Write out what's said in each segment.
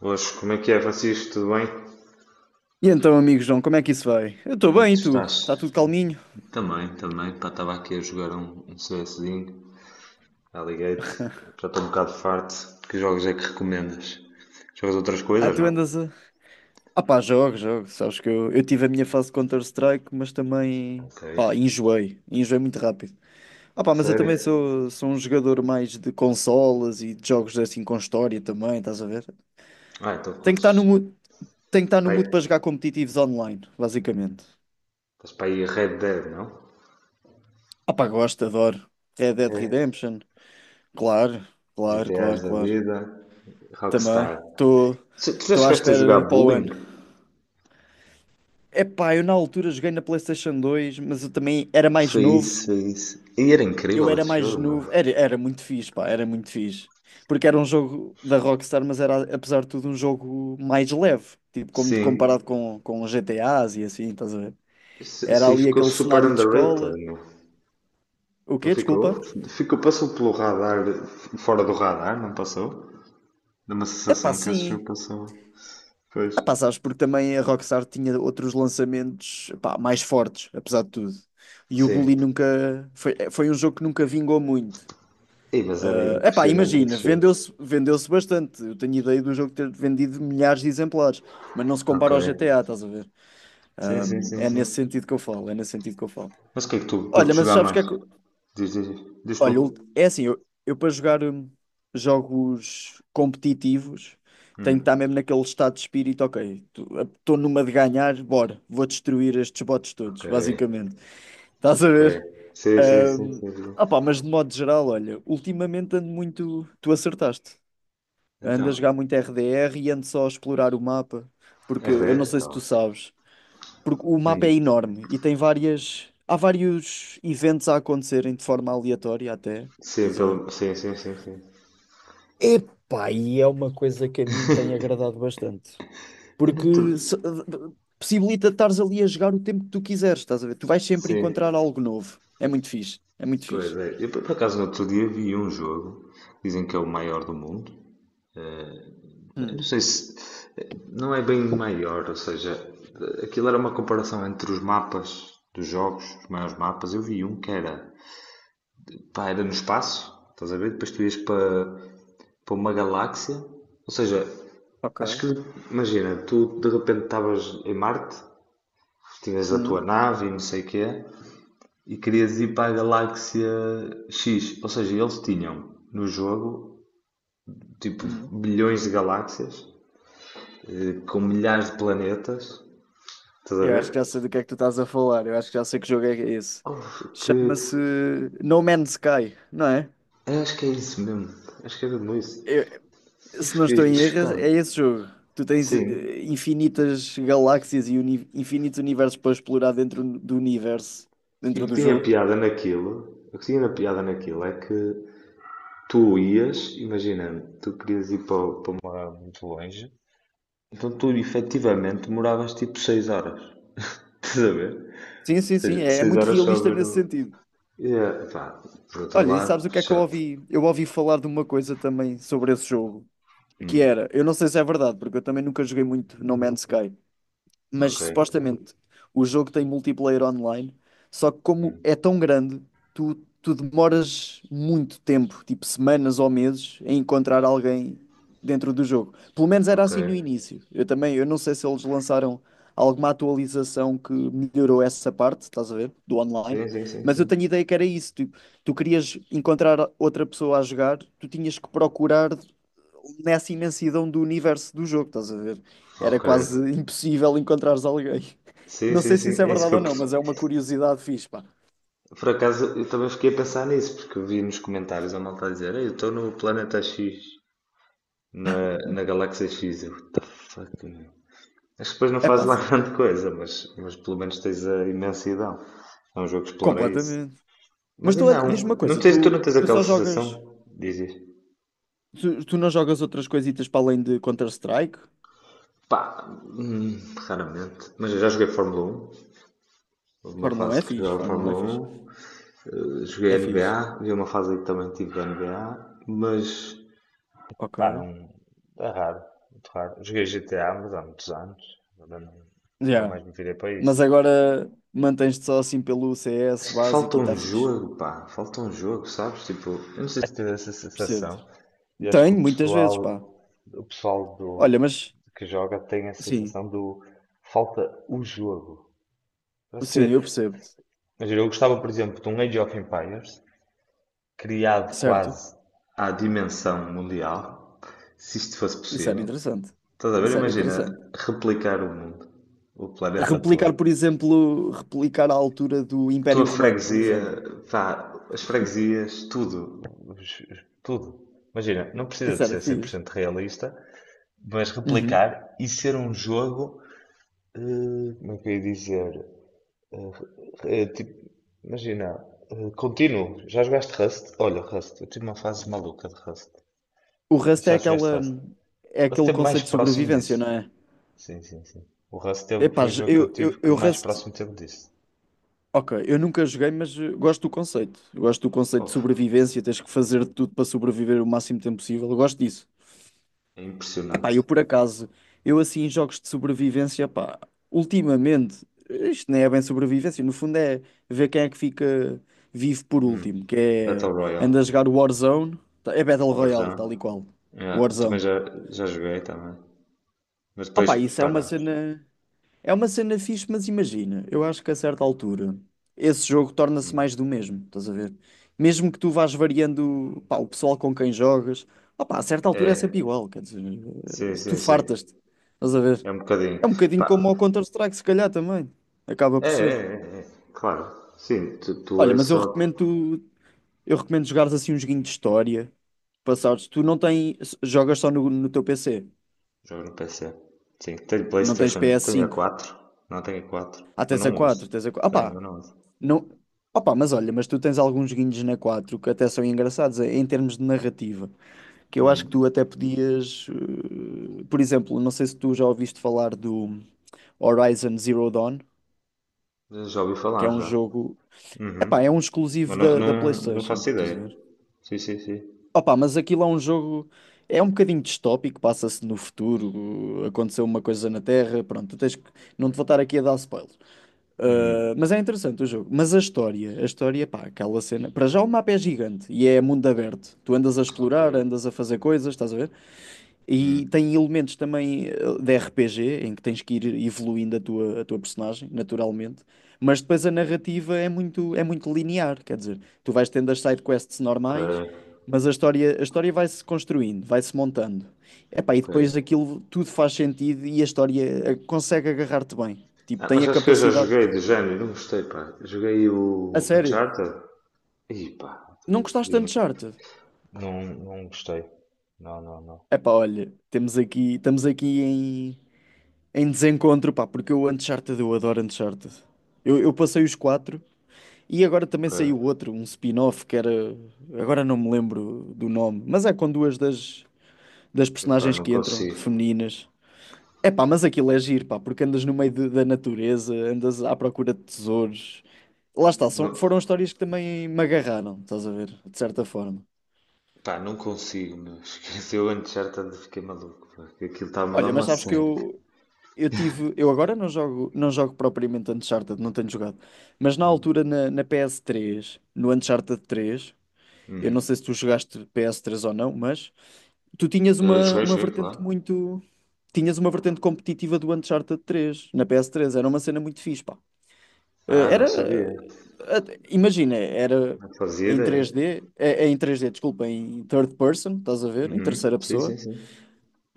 Hoje, como é que é, Francisco? Tudo bem? E então, amigo João, como é que isso vai? Eu estou Como é que bem, e tu tu? estás? Está tudo calminho? Também, também. Pá, estava aqui a jogar um CSzinho, Alligate. Já estou um bocado farto. Que jogos é que recomendas? Jogas outras Ah, coisas, tu não? andas a. Ah pá, jogo, jogo. Sabes que eu tive a minha fase de Counter-Strike, mas também, Ok. pá, enjoei. Enjoei muito rápido. Ah pá, mas eu também Sério? sou um jogador mais de consolas e de jogos assim com história também, estás a ver? Ah, então Tenho que estar curtes. no mood, tenho que estar no Pai, mood para jogar competitivos online, basicamente. estás para aí Red Dead, não? Ah pá, gosto, adoro. Red Dead É. Redemption, claro, claro, GTAs claro, da claro. vida, Também. Rockstar. Estou Tu já estou à chegaste a espera jogar para o Bullying? ano. Epá, eu na altura joguei na PlayStation 2, mas eu também era mais Foi isso, novo. foi isso. E era Eu incrível era esse mais jogo, meu. novo. Era muito fixe, pá, era muito fixe. Porque era um jogo da Rockstar, mas era, apesar de tudo, um jogo mais leve. Tipo, como, Sim. comparado com os GTAs e assim, estás a ver? Isso Era aí ali ficou aquele super cenário de underrated, escola. meu. O Não quê? Desculpa. ficou? Ficou, passou pelo radar, fora do radar, não passou? Dá uma Epá, sensação que esse sim. jogo passou. Pois. Epá, sabes, porque também a Rockstar tinha outros lançamentos, epá, mais fortes, apesar de tudo. E o Sim. Bully nunca... Foi um jogo que nunca vingou muito. Ei, mas era É epá, impressionante imagina, esse jogo. vendeu-se bastante. Eu tenho ideia do jogo ter vendido milhares de exemplares, mas não se Ok. compara ao GTA, estás a ver? Sim, Ah, sim, sim, é nesse sim. sentido que eu falo, é nesse sentido que eu falo. Mas o que é que tu Olha, curtes mas jogar sabes o que mais? é que. Eu- Diz, diz, diz tu. Olha, é assim, eu para jogar jogos competitivos tenho que estar Hum. mesmo naquele estado de espírito, ok, estou numa de ganhar, bora, vou destruir estes bots Ok, todos, basicamente. Estás a ok. ver? Sim, sim, sim, sim, sim. Ah, opá, mas de modo geral, olha, ultimamente ando muito. Tu acertaste. Ando a Então, jogar muito RDR e ando só a explorar o mapa, é porque eu rare? não sei se Então. tu sabes, porque o mapa é Hum. enorme e tem várias. Há vários eventos a acontecerem de forma aleatória até. Sim, Estás a ver? Sim, sim, sim, sim. Epá, e é uma coisa que a mim me tem agradado bastante. Eu no outro. Porque se- possibilita estares ali a jogar o tempo que tu quiseres, estás a ver? Tu vais sempre Sim, encontrar algo novo. É muito fixe, é muito pois fixe. é. Eu por acaso no outro dia vi um jogo, dizem que é o maior do mundo. Eu não Hum, sei se. Não é bem maior, ou seja, aquilo era uma comparação entre os mapas dos jogos, os maiores mapas. Eu vi um que era. Pá, era no espaço, estás a ver? Depois tu ias para, uma galáxia. Ou seja, ok. acho que. Imagina, tu de repente estavas em Marte, tinhas a tua Hum, nave e não sei o que é, e querias ir para a galáxia X. Ou seja, eles tinham no jogo, tipo, hum. bilhões de galáxias, com milhares de planetas, estás a Eu acho ver? que já sei do que é que tu estás a falar. Eu acho que já sei que jogo é esse. Houve que. Chama-se No Man's Sky, não é? Acho que é isso mesmo. Acho que é mesmo isso. Eu- Eu se não estou fiquei em erro, é chocado. esse jogo. Tu tens Sim. Infinitas galáxias e infinitos universos para explorar dentro do universo, E o dentro que do tinha jogo. piada naquilo, o que tinha na piada naquilo é que tu ias, imagina, tu querias ir para uma muito longe, então tu efetivamente demoravas tipo 6 horas. Estás a ver? Sim, Ou sim, sim. seja, É 6 muito horas só a realista ver o. nesse sentido. É, pá, por outro Olha, e lado, sabes o que é que eu chato. ouvi? Eu ouvi falar de uma coisa também sobre esse jogo, que Hum, era, eu não sei se é verdade, porque eu também nunca joguei muito No Man's Sky. Mas ok, supostamente o jogo tem multiplayer online, só que como é tão grande, tu, tu demoras muito tempo, tipo semanas ou meses, em encontrar alguém dentro do jogo. Pelo menos era ok. assim no início. Eu também, eu não sei se eles lançaram alguma atualização que melhorou essa parte, estás a ver, do online, Sim, sim, sim, mas eu sim. tenho ideia que era isso, tipo, tu querias encontrar outra pessoa a jogar, tu tinhas que procurar nessa imensidão do universo do jogo, estás a ver? Era Ok. quase impossível encontrares alguém. Sim, Não sim, sei se sim. isso é É isso que verdade ou não, mas é uma curiosidade fixe, pá. por acaso, eu também fiquei a pensar nisso, porque eu vi nos comentários a malta a dizer: "Ei, eu estou no planeta X, na galáxia X. Eu, what the fuck, meu? Acho que depois não É faz pá, lá sim, grande coisa, mas pelo menos tens a imensidão. É um jogo que explora isso. completamente. Mas Mas tu, ainda há olha, diz-me uma um. Não coisa, tens, tu não tu, tens tu aquela só sensação? jogas, Dizes. tu, tu não jogas outras coisitas para além de Counter-Strike? Pá, raramente. Mas eu já joguei Fórmula 1. Houve uma Fórmula 1 é fase que fixe, jogava Fórmula 1 é Fórmula fixe. 1. Joguei É fixe. NBA. Vi uma fase em que também tive NBA. Mas Ok. pá, não. É raro, muito raro. Joguei GTA, mas há muitos anos. Agora não, nunca Já. mais me virei para Mas isso. agora mantens-te só assim pelo CS Acho que falta básico e um está fixe. jogo, pá. Falta um jogo, sabes? Tipo, eu não sei se tive essa Percebo-te. sensação e acho que o Tenho, muitas vezes, pá. pessoal, o pessoal Olha, do, mas que joga tem a sim, sensação do falta o jogo. Parece que, sim, eu imagina, percebo-te. eu gostava, por exemplo, de um Age of Empires criado Certo. quase à dimensão mundial, se isto fosse Isso era possível. interessante. Estás a ver? Isso era Imagina interessante. replicar o mundo, o planeta Replicar, todo. por exemplo, replicar a altura do Tua Império Romano, por freguesia, exemplo. pá, as freguesias, tudo, tudo. Imagina, não precisa Isso de era ser cem por fixe. cento realista, mas Uhum. replicar e ser um jogo, como é que eu ia dizer? Tipo, imagina, contínuo. Já jogaste Rust? Olha, Rust, eu tive uma fase maluca de Rust. O Rust é Já jogaste aquela, Rust? é Rust aquele é mais conceito de próximo sobrevivência, disso. não é? Sim, sim, sim. O Rust teve, Epá, foi o j- jogo que eu eu, eu, tive que eu mais Rust, próximo teve disso. ok, eu nunca joguei, mas gosto do conceito. Eu gosto do conceito de Oh, sobrevivência, tens que fazer de tudo para sobreviver o máximo tempo possível. Eu gosto disso. é Pá, impressionante. eu por acaso, eu assim em jogos de sobrevivência, pá, ultimamente, isto nem é bem sobrevivência, no fundo é ver quem é que fica vivo por último, Hum. que Battle é, Royale, anda a jogar Warzone, tá- é Battle Royale, tal e Warzone. qual, Yeah, eu também Warzone. já joguei também. Mas Ah depois pá, isso paramos. É uma cena fixe, mas imagina, eu acho que a certa altura, esse jogo torna-se mais do Hum. mesmo, estás a ver? Mesmo que tu vás variando, pá, o pessoal com quem jogas, ah pá, a certa altura é É, sempre igual, quer dizer, sim, tu sim, sim. fartas-te, estás a ver? É um bocadinho. É um bocadinho Pá, como o Counter-Strike, se calhar também. Acaba é, por é, ser. é, é. Claro. Sim, tu Olha, és mas eu só. recomendo tu- eu recomendo jogares assim um joguinho de história. Passares. Tu não tens. Jogas só no teu PC. Jogo no PC. Sim, tenho Não tens PlayStation, tenho a PS5. quatro. Não tenho a quatro, Ah, mas tens a não 4, uso. tens a 4. Tenho, Opá, mas não uso. não. Opá, mas olha, mas tu tens alguns joguinhos na 4 que até são engraçados em termos de narrativa. Que eu acho que Hum. tu até podias. Por exemplo, não sei se tu já ouviste falar do Horizon Zero Dawn, Já ouvi que falar é um já. jogo. Epá, é Uhum. um exclusivo Mas não, da não, não PlayStation, faço estás a ideia. ver? Sim, sim, sim. Opa, mas aquilo é um jogo. É um bocadinho distópico, passa-se no futuro, aconteceu uma coisa na Terra, pronto, tu tens que... não te vou estar aqui a dar spoiler. Hum, Mas é interessante o jogo. Mas a história, pá, aquela cena. Para já o mapa é gigante e é mundo aberto. Tu andas a ok. explorar, andas a fazer coisas, estás a ver? E Hum, tem elementos também de RPG, em que tens que ir evoluindo a tua personagem, naturalmente. Mas depois a narrativa é muito linear, quer dizer, tu vais tendo as side quests ok. normais, mas a história vai-se construindo, vai-se montando. Epá, e Ok. depois aquilo tudo faz sentido e a história consegue agarrar-te bem. Tipo, Ah, tem mas a acho que eu já capacidade. joguei do género, não gostei, pá. Joguei A o sério, Uncharted. E pá, não eu- gostaste eu tanto não, de Uncharted? não gostei. Não, não, não. Epá, olha, temos aqui, estamos aqui em Em desencontro, pá, porque o Uncharted, eu adoro Uncharted. Eu passei os quatro e agora também Ok. saiu outro, um spin-off que era. Agora não me lembro do nome, mas é com duas das Pá, personagens não que entram, consigo. femininas. É pá, mas aquilo é giro, pá, porque andas no meio de- da natureza, andas à procura de tesouros. Lá está, Não, foram histórias que também me agarraram, estás a ver, de certa forma. pá, não consigo, meu. Esqueci o Uncharted, fiquei maluco, pá, que aquilo estava a dar Olha, mas uma sabes que seca. eu tive. Eu agora não jogo propriamente Uncharted, não tenho jogado. Mas na Hum, altura na PS3, no Uncharted 3, eu não hum. sei se tu jogaste PS3 ou não, mas tu tinhas uma, Joguei, uma joguei, claro. vertente muito. Tinhas uma vertente competitiva do Uncharted 3 na PS3 era uma cena muito fixe, pá. Ah, não Era. sabia. Imagina, era Não fazia em ideia. três d eh, eh, em três d desculpa, em third person, estás a ver? Em Uhum. terceira Sim, pessoa. sim, sim.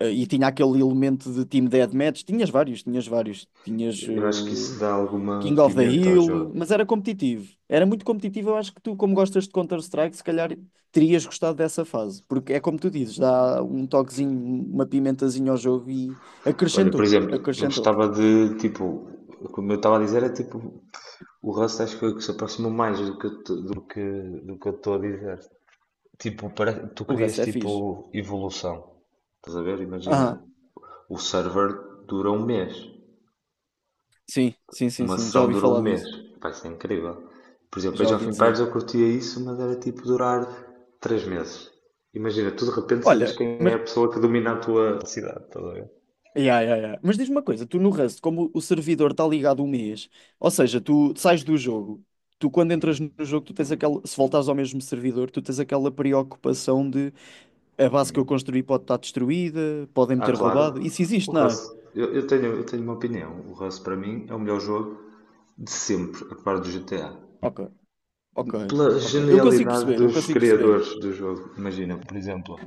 E tinha aquele elemento de Team Deathmatch. Tinhas vários. Tinhas Eu acho que isso dá King alguma of the pimenta ao Hill, jogo. mas era competitivo. Era muito competitivo. Eu acho que tu, como gostas de Counter-Strike, se calhar terias gostado dessa fase. Porque é como tu dizes, dá um toquezinho, uma pimentazinha ao jogo e Olha, por acrescentou, exemplo, eu acrescentou. gostava de, tipo, como eu estava a dizer, é tipo, o Rust acho que foi o que se aproximou mais do que, eu te- do que eu estou a dizer. Tipo, para, tu O querias, resto é fixe. tipo, evolução. Estás a ver? Ah, Imagina, o server dura um mês. sim, sim, sim, Uma sim. Já sessão ouvi durou um falar mês. disso. Vai ser incrível. Por exemplo, a Já ouvi Jovem dizer. Pairs eu curtia isso, mas era tipo durar 3 meses. Imagina, tu de repente sabes Olha, quem é a mas pessoa que domina a tua cidade, estás a ver? Yeah, yeah, yeah. Mas diz-me uma coisa, tu no Rust, como o servidor está ligado um mês, ou seja, tu sais do jogo, tu quando entras no jogo, tu tens aquela, se voltares ao mesmo servidor, tu tens aquela preocupação de a base que eu construí pode estar destruída, podem-me Ah, ter claro. roubado. Isso O existe, não é? Rust, eu tenho uma opinião. O Rust para mim é o melhor jogo de sempre, a par do GTA. Ok, ok, Pela ok. Eu consigo genialidade perceber, eu dos consigo perceber. criadores do jogo. Imagina, por exemplo,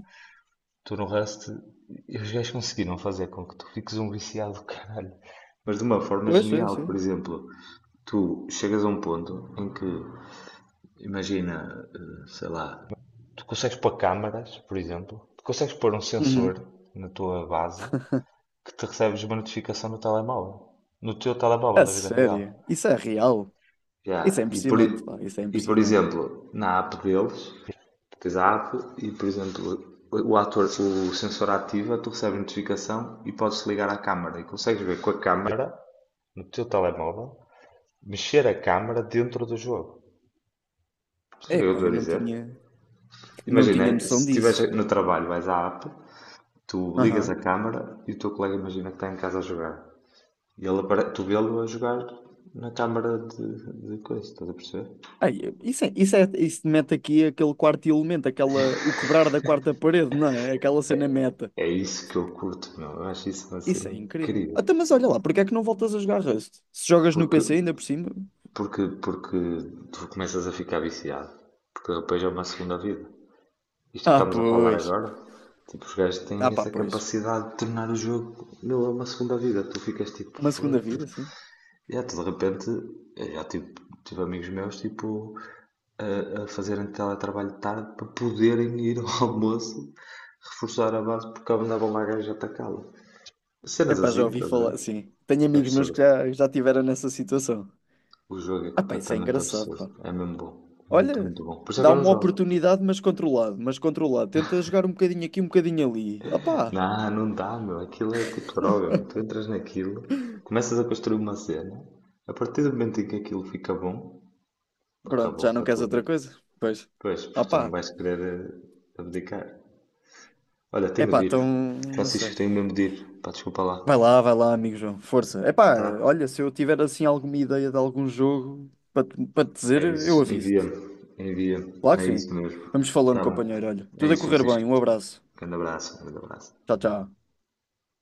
tu no Rust, e os gajos conseguiram fazer com que tu fiques um viciado do caralho. Mas de uma forma Pois, sim, genial, por sim. exemplo. Tu chegas a um ponto em que, imagina, sei lá, tu consegues pôr câmaras, por exemplo. Tu consegues pôr um sensor Uhum. na tua base que te recebes uma notificação no telemóvel. No teu telemóvel A da vida real. sério? Isso é real? Isso é Já, impressionante, pá, isso é e por impressionante. exemplo, na app deles, tens a app e, por exemplo, o ator, o sensor ativa, tu recebes notificação e podes ligar à câmara e consegues ver com a câmara. Câmara, no teu telemóvel, mexer a câmara dentro do jogo. Sabes o que é que eu Epá, estou eu a não dizer? tinha, não Imagina, tinha se noção estiveres disso. no trabalho, vais à app, tu ligas a câmara e o teu colega imagina que está em casa a jogar. E tu vê-lo a jogar na câmara de coisa, estás a perceber? Ai, isso mete aqui aquele quarto elemento, aquela, o quebrar da quarta parede, não é? Aquela cena meta. É isso que eu curto, meu. Eu acho isso uma Isso cena é incrível. incrível. Até mas olha lá, porque é que não voltas a jogar Rust? Se jogas no Porque, PC ainda por cima? porque tu começas a ficar viciado. Porque depois é uma segunda vida. Isto que Ah, estamos a falar pois. agora, tipo, os gajos Ah, têm pá, essa pois. capacidade de tornar o jogo, meu, é uma segunda vida. Tu ficas tipo, Uma segunda "Foda-se. vida, sim. E até de repente, eu já tive, tive amigos meus tipo, a fazerem teletrabalho de tarde para poderem ir ao almoço reforçar a base porque andava uma gaja a atacá-la. Cenas Epá, assim, já ouvi estás a ver? falar, sim. Tenho É amigos meus que absurdo. já tiveram nessa situação. O jogo é Ah, pá, isso é completamente engraçado, pá. absurdo. É mesmo bom. Muito, Olha, muito bom. Por isso é que dá eu não uma jogo. oportunidade, mas controlado, mas controlado. Tenta jogar um bocadinho aqui, um bocadinho ali. Opá, Não, não dá, meu. Aquilo é tipo droga, meu. Tu entras naquilo, começas a construir uma cena, a partir do momento em que aquilo fica bom, pronto, já acabou não a queres tua outra vida. coisa? Pois. Pois, porque tu não Opá. vais querer abdicar. Olha, tenho Epá, de então, ir. não Francisco, sei. tenho mesmo de ir. Pá, desculpa lá. Vai lá, amigo João, força. Epá, Tá? olha, se eu tiver assim alguma ideia de algum jogo para te É dizer, eu isso. aviso-te. Envia-me. Envia-me. Claro que É isso sim. mesmo. Vamos falando, Tá bom. companheiro. Olha, É tudo a isso, correr Francisco. bem. Um abraço. Grande abraço. Grande abraço. Tchau, tchau.